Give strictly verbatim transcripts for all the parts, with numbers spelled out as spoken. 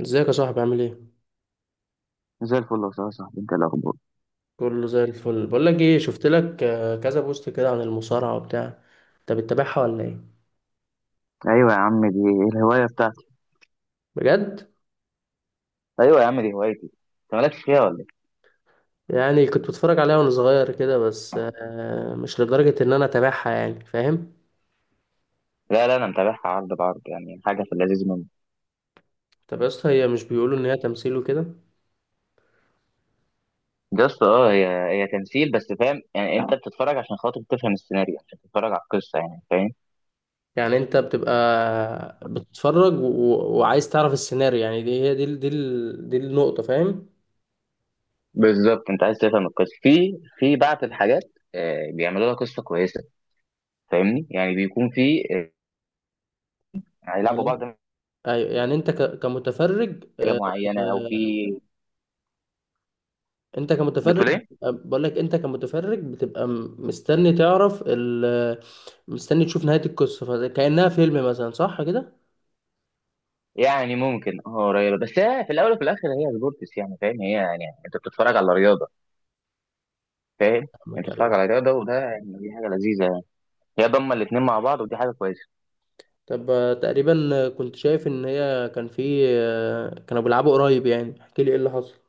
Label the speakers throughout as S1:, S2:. S1: ازيك يا صاحبي؟ عامل ايه؟
S2: زي الفل والله يا أستاذ، صاحبي انت إيه الاخبار؟
S1: كله زي الفل. بقول لك ايه، شفت لك آه، كذا بوست كده عن المصارعه وبتاع. انت بتتابعها ولا ايه؟
S2: ايوه يا عم، دي الهوايه بتاعتي.
S1: بجد؟
S2: ايوه يا عم، دي هوايتي. انت مالكش فيها ولا ايه؟
S1: يعني كنت بتفرج عليها وانا صغير كده، بس آه، مش لدرجه ان انا اتابعها يعني، فاهم؟
S2: لا لا، انا متابعها عرض بعرض، يعني حاجه في اللذيذ منه.
S1: طب يا اسطى، هي مش بيقولوا ان هي تمثيل وكده؟
S2: بس اه، هي هي تمثيل بس، فاهم؟ يعني انت بتتفرج عشان خاطر تفهم السيناريو، عشان تتفرج على القصه، يعني فاهم.
S1: يعني انت بتبقى بتتفرج و... و- وعايز تعرف السيناريو، يعني دي هي دي ال- دي ال- دي النقطه، فاهم؟
S2: بالظبط، انت عايز تفهم القصه في في بعض الحاجات. آه، بيعملوا لها قصه كويسه. فاهمني، يعني بيكون في آه، هيلعبوا بعض.
S1: يعني ايوه، يعني انت ك... كمتفرج،
S2: حاجه
S1: آه،
S2: معينه او في،
S1: انت كمتفرج
S2: بتقول ايه؟
S1: بقول لك، انت كمتفرج بتبقى م- مستني تعرف ال... مستني تشوف نهاية القصة، فكأنها فيلم مثلا، صح كده؟
S2: يعني ممكن اه، قريبه، بس هي في الاول وفي الاخر هي سبورتس يعني، فاهم؟ هي يعني انت بتتفرج على رياضه، فاهم. انت
S1: فاهمك،
S2: بتتفرج
S1: أيوة.
S2: على رياضه، وده يعني دي حاجه لذيذه يعني. هي ضمه الاثنين مع بعض، ودي حاجه كويسه.
S1: طب آه، تقريبا كنت شايف ان هي كان في آه، كانوا بيلعبوا قريب، يعني احكي لي ايه اللي حصل.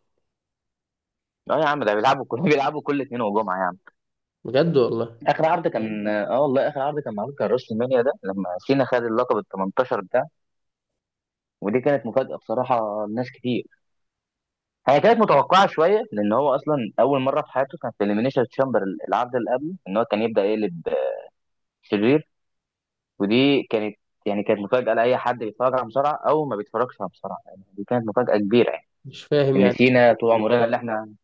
S2: اه يا عم، ده بيلعبوا كل بيلعبوا كل اثنين وجمعه يا عم.
S1: بجد والله؟
S2: اخر عرض كان اه، والله اخر عرض كان معمول، كان راس المنيا ده لما سينا خد اللقب ال الثامن عشر بتاعه. ودي كانت مفاجاه بصراحه لناس كتير. هي كانت متوقعه شويه، لان هو اصلا اول مره في حياته كان في اليمينيشن تشامبر. العرض اللي قبله ان هو كان يبدا يقلب شرير. ودي كانت، يعني كانت مفاجأة لأي حد بيتفرج على مصارعة أو ما بيتفرجش على مصارعة، يعني دي كانت مفاجأة كبيرة يعني.
S1: مش فاهم
S2: إن
S1: يعني.
S2: سينا طول عمرنا اللي إحنا،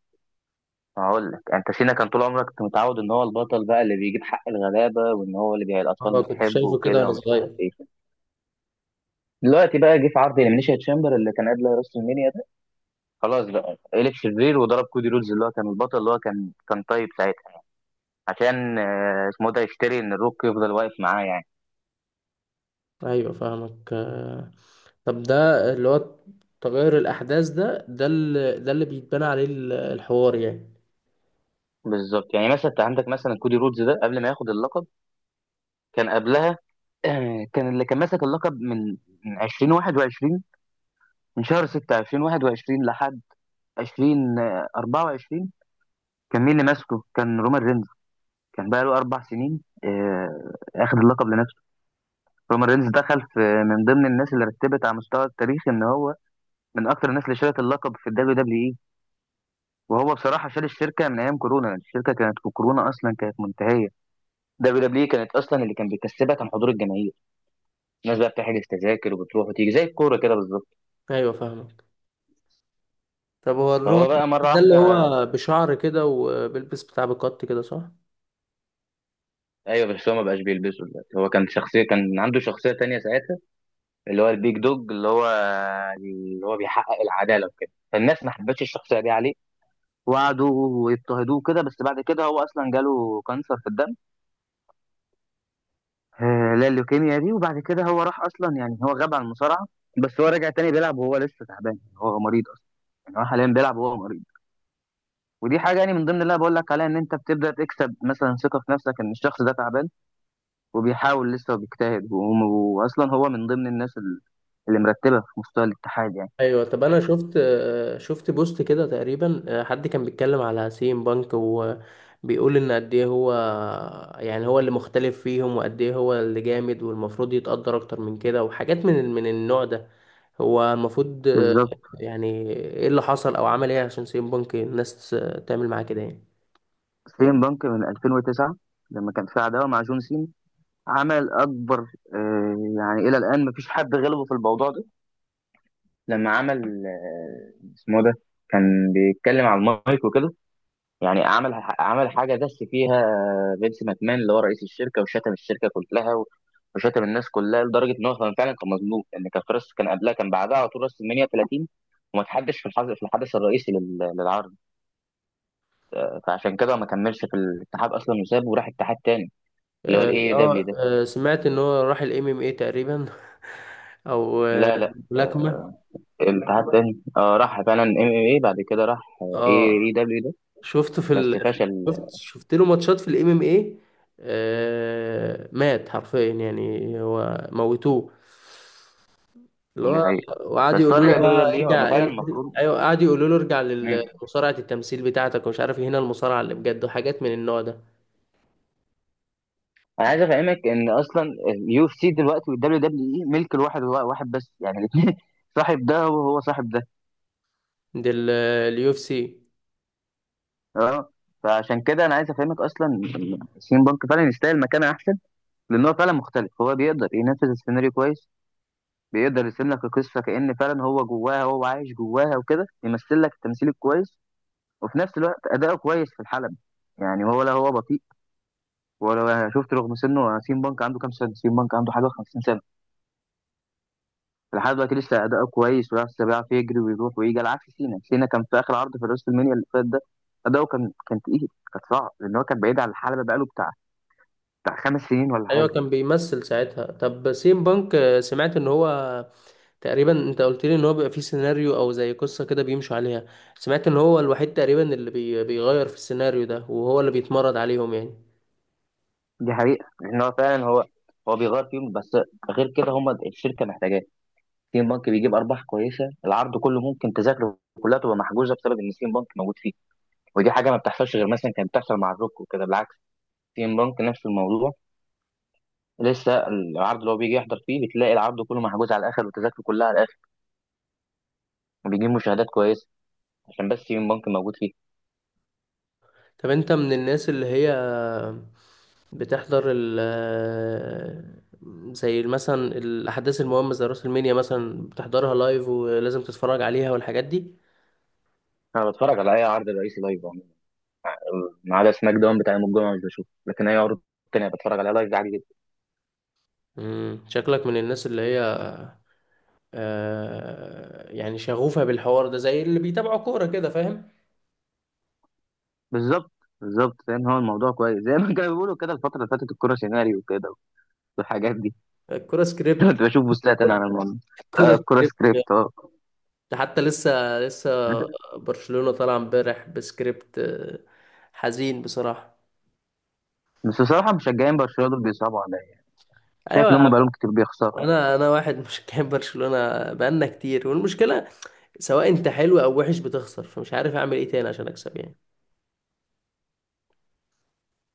S2: هقول لك أنت، سينا كان طول عمرك كنت متعود إن هو البطل بقى اللي بيجيب حق الغلابة، وإن هو اللي بي... الأطفال
S1: اه كنت
S2: بتحبه
S1: شايفه كده
S2: وكده
S1: وانا
S2: ومش عارف
S1: صغير.
S2: إيه. دلوقتي بقى جه في عرض إليمينيشن تشامبر اللي كان قبل راس المنيا ده. خلاص بقى قلب شرير وضرب كودي رودز اللي هو كان البطل اللي هو كان كان طيب ساعتها. عشان آه، اسمه ده يشتري إن الروك يفضل واقف معاه يعني.
S1: ايوه فاهمك، آه، طب ده اللي هو تغير الاحداث، ده ده اللي ده اللي بيتبنى عليه ال- الحوار يعني؟
S2: بالظبط، يعني مثلا انت عندك مثلا كودي رودز ده قبل ما ياخد اللقب، كان قبلها، آه، كان اللي كان ماسك اللقب من من ألفين وواحد وعشرين، من شهر ستة ألفين وواحد وعشرين لحد ألفين وأربعة وعشرين. كان مين اللي ماسكه؟ كان رومان رينز. كان بقى له اربع سنين، آه، اخد اللقب لنفسه. رومان رينز دخل في من ضمن الناس اللي رتبت على مستوى التاريخ ان هو من اكتر الناس اللي شالت اللقب في الدبليو دبليو اي. وهو بصراحه شال الشركه من ايام كورونا، لأن الشركه كانت في كورونا اصلا كانت منتهيه. دبليو دبليو اي كانت اصلا اللي كان بيكسبها كان حضور الجماهير. الناس بقى بتحجز تذاكر وبتروح وتيجي زي الكوره كده بالظبط.
S1: ايوه فاهمك. طب هو الرومان
S2: هو بقى مرة
S1: ده اللي
S2: واحدة.
S1: هو بشعر كده وبيلبس بتاع بكت كده، صح؟
S2: أيوة، بس هو ما بقاش بيلبسه دلوقتي، هو كان شخصية، كان عنده شخصية تانية ساعتها. اللي هو البيج دوج، اللي هو اللي هو بيحقق العدالة وكده، فالناس ما حبتش الشخصية دي عليه. وقعدوا ويضطهدوه كده، بس بعد كده هو أصلا جاله كانسر في الدم، آه، اللي هي اللوكيميا دي. وبعد كده هو راح أصلا، يعني هو غاب عن المصارعة. بس هو رجع تاني بيلعب وهو لسه تعبان، يعني هو مريض أصلا. يعني هو حاليا بيلعب وهو مريض. ودي حاجة يعني من ضمن اللي أنا بقول لك عليها، إن أنت بتبدأ تكسب مثلا ثقة في نفسك إن الشخص ده تعبان وبيحاول لسه وبيجتهد، وم- واصلا هو من ضمن الناس ال- اللي مرتبه في مستوى الاتحاد يعني.
S1: ايوه. طب انا شفت، شفت بوست كده تقريبا، حد كان بيتكلم على سيم بانك وبيقول ان قد ايه هو، يعني هو اللي مختلف فيهم، وقد ايه هو اللي جامد، والمفروض يتقدر اكتر من كده، وحاجات من من النوع ده. هو المفروض،
S2: بالظبط.
S1: يعني ايه اللي حصل او عمل ايه عشان سيم بانك الناس تعمل معاه كده يعني؟
S2: سين بانك من ألفين وتسعة، لما كان في عداوه مع جون سين، عمل اكبر، آه، يعني الى الان مفيش حد غلبه في الموضوع ده. لما عمل، آه، اسمه ده، كان بيتكلم على المايك وكده، يعني عمل عمل حاجه دس فيها فينس ماكمان اللي هو رئيس الشركه، وشتم الشركه كلها و- وشتم الناس كلها، لدرجه ان هو كان فعلا كان مظلوم، لان كان في راس، كان قبلها كان بعدها على طول راس المنيا ثلاثين، وما تحدش في الحظ في الحدث الرئيسي لل- للعرض. فعشان كده ما كملش في الاتحاد اصلا وسابه وراح اتحاد تاني اللي هو
S1: اه
S2: الاي دبليو
S1: آه،
S2: ده.
S1: آه، سمعت ان هو راح الام ام اي تقريبا. او آه،
S2: لا لا،
S1: ملاكمة.
S2: آه، الاتحاد تاني اه راح فعلا ام ام اي، بعد كده راح اي
S1: اه
S2: اي دبليو ده،
S1: شفته في
S2: بس
S1: ال... في ال-
S2: فشل.
S1: شفت شفت له ماتشات في الام ام اي. مات حرفيا، يعني هو موتوه اللي
S2: ده
S1: هو.
S2: حقيقي.
S1: وقعدوا
S2: بس هو
S1: يقولوا له
S2: رجع دبليو
S1: بقى
S2: دبليو، هو
S1: ارجع
S2: فعلا
S1: ال-
S2: المفروض.
S1: ايوه، قعدوا يقولوا له ارجع لمصارعة التمثيل بتاعتك ومش عارف إيه، هنا المصارعة اللي بجد، وحاجات من النوع ده.
S2: انا عايز افهمك ان اصلا اليو اف سي دلوقتي والدبليو دبليو اي ملك الواحد، هو واحد بس يعني الاثنين، صاحب ده هو هو صاحب ده.
S1: دي اليو اف سي.
S2: اه، فعشان كده انا عايز افهمك اصلا إن سين بانك فعلا يستاهل مكانه احسن، لان هو فعلا مختلف، هو بيقدر ينفذ السيناريو كويس. بيقدر يرسم لك القصه كأن فعلا هو جواها، هو عايش جواها وكده، يمثل لك التمثيل الكويس، وفي نفس الوقت اداؤه كويس في الحلبة. يعني هو لا هو بطيء ولا، شفت؟ رغم سنه، سين بانك عنده كام سنه؟ سين بانك عنده حاجه خمسين سنه، لحد دلوقتي لسه اداؤه كويس ولسه بيعرف يجري ويروح ويجي، على عكس سينا. سينا كان في اخر عرض في راس المنيا اللي فات ده اداؤه كان كان تقيل، كان صعب، لان هو كان بعيد عن الحلبه بقاله بتاع بتاع خمس سنين ولا
S1: ايوه
S2: حاجه.
S1: كان بيمثل ساعتها. طب سيم بانك، آه، سمعت ان هو تقريبا، انت قلت لي ان هو بيبقى فيه سيناريو او زي قصة كده بيمشوا عليها، سمعت ان هو الوحيد تقريبا اللي بي... بيغير في السيناريو ده، وهو اللي بيتمرد عليهم يعني.
S2: دي حقيقه، لان هو فعلا هو هو بيغير فيهم بس، غير كده هم الشركه محتاجاه. سين بانك بيجيب ارباح كويسه، العرض كله ممكن تذاكره كلها تبقى محجوزه بسبب ان سين بانك موجود فيه. ودي حاجه ما بتحصلش غير مثلا كانت بتحصل مع الروك وكده. بالعكس، سين بانك نفس الموضوع، لسه العرض اللي هو بيجي يحضر فيه بتلاقي العرض كله محجوز على الاخر، والتذاكر كلها على، وبيجيب مشاهدات كويسه عشان بس يوم بنك موجود فيه.
S1: طب انت من الناس اللي هي بتحضر ال زي مثلا الاحداث المهمة زي راس المنيا مثلا، بتحضرها لايف ولازم تتفرج عليها والحاجات دي؟
S2: انا بتفرج على اي عرض رئيسي لايف عموما، ما عدا سماك داون بتاع يوم الجمعه مش بشوفه، لكن اي عرض تاني بتفرج عليها لايف عادي جدا.
S1: مم. شكلك من الناس اللي هي آه يعني شغوفة بالحوار ده، زي اللي بيتابعوا كورة كده، فاهم؟
S2: بالظبط بالظبط، فاهم هو الموضوع كويس، زي ما كانوا بيقولوا كده الفتره اللي فاتت الكوره سيناريو وكده، والحاجات دي.
S1: الكورة سكريبت.
S2: كنت بشوف بوستات انا على الموضوع. آه،
S1: الكورة
S2: الكوره
S1: سكريبت.
S2: سكريبت اه.
S1: ده حتى لسه لسه برشلونة طالع امبارح بسكريبت، آه، حزين بصراحة.
S2: بس بصراحه مشجعين برشلونه دول بيصعبوا عليا، شايف
S1: ايوه
S2: ان
S1: يا عم،
S2: هم بقالهم كتير بيخسروا.
S1: انا انا واحد مشجع برشلونة، بقالنا كتير، والمشكلة سواء انت حلو او وحش بتخسر، فمش عارف اعمل ايه تاني عشان اكسب يعني.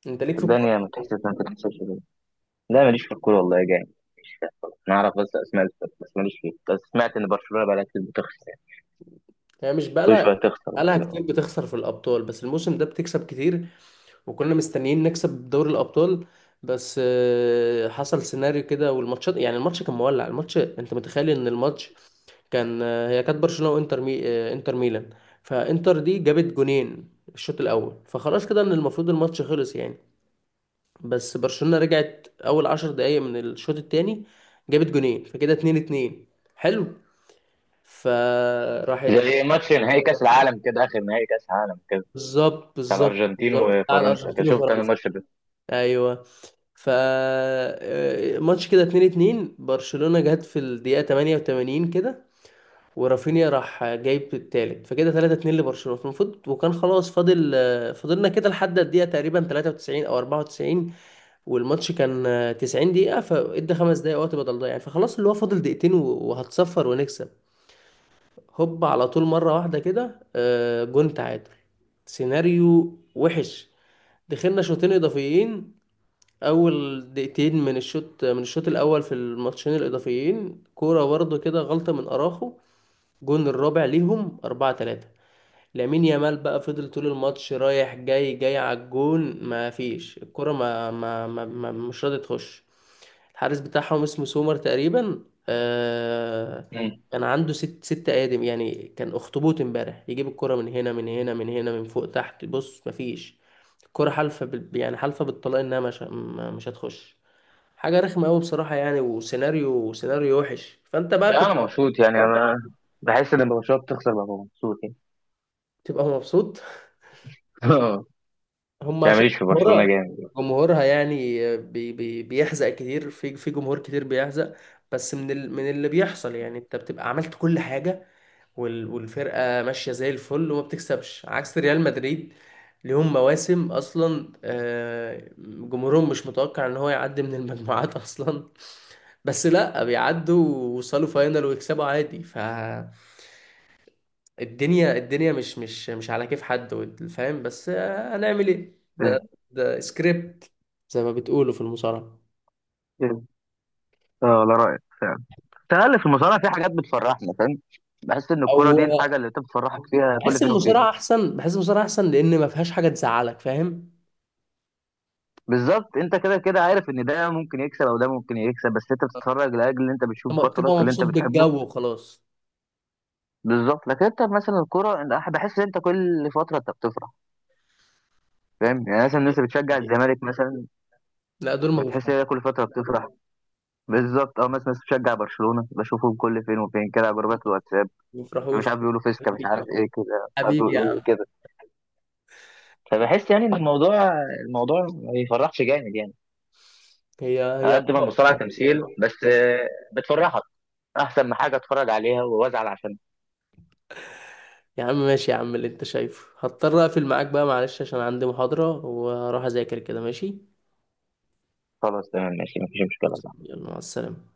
S1: انت ليك في
S2: الدنيا
S1: الكورة؟
S2: ما تحسش ما تحسش كده. لا ماليش في الكوره والله يا جاي، مش فاهم خالص. انا اعرف بس اسماء الفرق، بس ماليش فيه، بس سمعت ان برشلونه بقالها كتير بتخسر،
S1: هي مش
S2: كل
S1: بقالها،
S2: شويه تخسر
S1: بقالها
S2: وكده،
S1: كتير بتخسر في الابطال، بس الموسم ده بتكسب كتير، وكنا مستنيين نكسب دوري الابطال، بس آه، حصل سيناريو كده. والماتشات يعني، الماتش كان مولع، الماتش انت متخيل ان الماتش كان، هي كانت برشلونة وانتر مي... انتر ميلان، فانتر دي جابت جونين الشوط الاول، فخلاص كده ان المفروض الماتش خلص يعني. بس برشلونة رجعت اول عشر دقايق من الشوط التاني، جابت جونين، فكده اتنين اتنين، حلو، فراحت.
S2: زي ماتش نهائي كاس العالم كده، اخر نهائي كاس عالم كده،
S1: بالظبط
S2: بتاع
S1: بالظبط
S2: الارجنتين
S1: بالظبط، على
S2: وفرنسا كده،
S1: الارجنتين
S2: شفت انا
S1: وفرنسا.
S2: الماتش ده.
S1: ايوه، ف آه، ماتش كده اتنين اتنين، برشلونة جت في الدقيقة تمانية وتمانين كده، ورافينيا راح جايب التالت فكده تلاتة اتنين لبرشلونة، فالمفروض وكان خلاص فاضل، آه، فضلنا كده لحد الدقيقة تقريبا تلاتة وتسعين او اربعة وتسعين، والماتش كان تسعين دقيقة، فادى خمس دقايق وقت بدل ضايع يعني، فخلاص اللي هو فاضل دقيقتين و- وهتصفر ونكسب. هوب على طول مرة واحدة كده، آه، جون تعادل. سيناريو وحش. دخلنا شوطين اضافيين. اول دقيقتين من الشوط من الشوط الاول في الماتشين الاضافيين، كورة برضه كده، غلطة من اراخو، جون الرابع ليهم اربعة تلاتة. لامين يامال بقى فضل طول الماتش رايح جاي، جاي على الجون، ما فيش. الكرة ما, ما, ما, ما مش راضي تخش. الحارس بتاعهم اسمه سومر تقريبا، آه،
S2: مم.
S1: كان عنده ست ست آدم، يعني كان أخطبوط امبارح، يجيب الكرة من هنا من هنا من هنا، من فوق، تحت، بص، ما فيش. الكرة حالفة بال... يعني حالفة بالطلاق إنها مش ما- مش هتخش. حاجة رخمة أوي بصراحة يعني، وسيناريو سيناريو وحش، فأنت بقى
S2: لا
S1: كنت
S2: انا مبسوط يعني، انا بحس ان برشلونه بتخسر ببقى مبسوط يعني.
S1: تبقى مبسوط. هم
S2: يعني
S1: عشان
S2: ماليش في برشلونه
S1: جمهورها،
S2: جامد.
S1: جمهورها يعني بي بي بيحزق كتير في في جمهور كتير بيحزق. بس من ال من اللي بيحصل يعني، انت بتبقى عملت كل حاجة، وال والفرقة ماشية زي الفل وما بتكسبش، عكس ريال مدريد ليهم مواسم اصلا، آه، جمهورهم مش متوقع ان هو يعدي من المجموعات اصلا، بس لا بيعدوا ووصلوا فاينل ويكسبوا عادي. ف الدنيا الدنيا مش مش مش على كيف حد وال- فاهم، بس آه، هنعمل ايه؟ ده ده سكريبت زي ما بتقولوا في المصارعة.
S2: اه لا، رايك فعلا تقل، في المصارعه في حاجات بتفرحنا فاهم. بحس ان الكرة دي الحاجة
S1: او
S2: اللي انت بتفرحك فيها كل
S1: بحس
S2: فين وفين.
S1: المصارعة احسن، بحس المصارعة احسن لان ما فيهاش حاجة تزعلك، فاهم؟
S2: بالظبط، انت كده كده عارف ان ده ممكن يكسب او ده ممكن يكسب، بس انت بتتفرج لاجل ان انت بتشوف
S1: لما
S2: بطلك
S1: بتبقى
S2: اللي انت
S1: مبسوط
S2: بتحبه.
S1: بالجو وخلاص.
S2: بالظبط، لكن انت مثلا الكوره أنا بحس ان انت كل فتره انت بتفرح، فاهم؟ يعني مثلا الناس اللي بتشجع
S1: يعني-
S2: الزمالك مثلا،
S1: لا دول ما
S2: بتحس
S1: بيفرحوش.
S2: ان هي كل فتره بتفرح. بالظبط اه، مثلا الناس بتشجع برشلونه بشوفهم كل فين وفين كده على جروبات الواتساب،
S1: ما
S2: مش
S1: بيفرحوش.
S2: عارف بيقولوا فيسكا مش
S1: حبيبي يا عم،
S2: عارف ايه كده، مش عارف
S1: حبيبي يا
S2: بيقولوا ايه
S1: عم.
S2: كده، فبحس يعني ان الموضوع الموضوع ما بيفرحش جامد يعني.
S1: هي
S2: على
S1: هي
S2: قد ما المصارعه تمثيل بس آه، بتفرحك، احسن ما حاجه اتفرج عليها وازعل عشان.
S1: يا عم ماشي، يا عم اللي انت شايفه. هضطر اقفل معاك بقى، معلش عشان عندي محاضرة وهروح اذاكر كده، ماشي.
S2: خلاص تمام ماشي مفيش مشكله صح.
S1: يلا مع السلامة.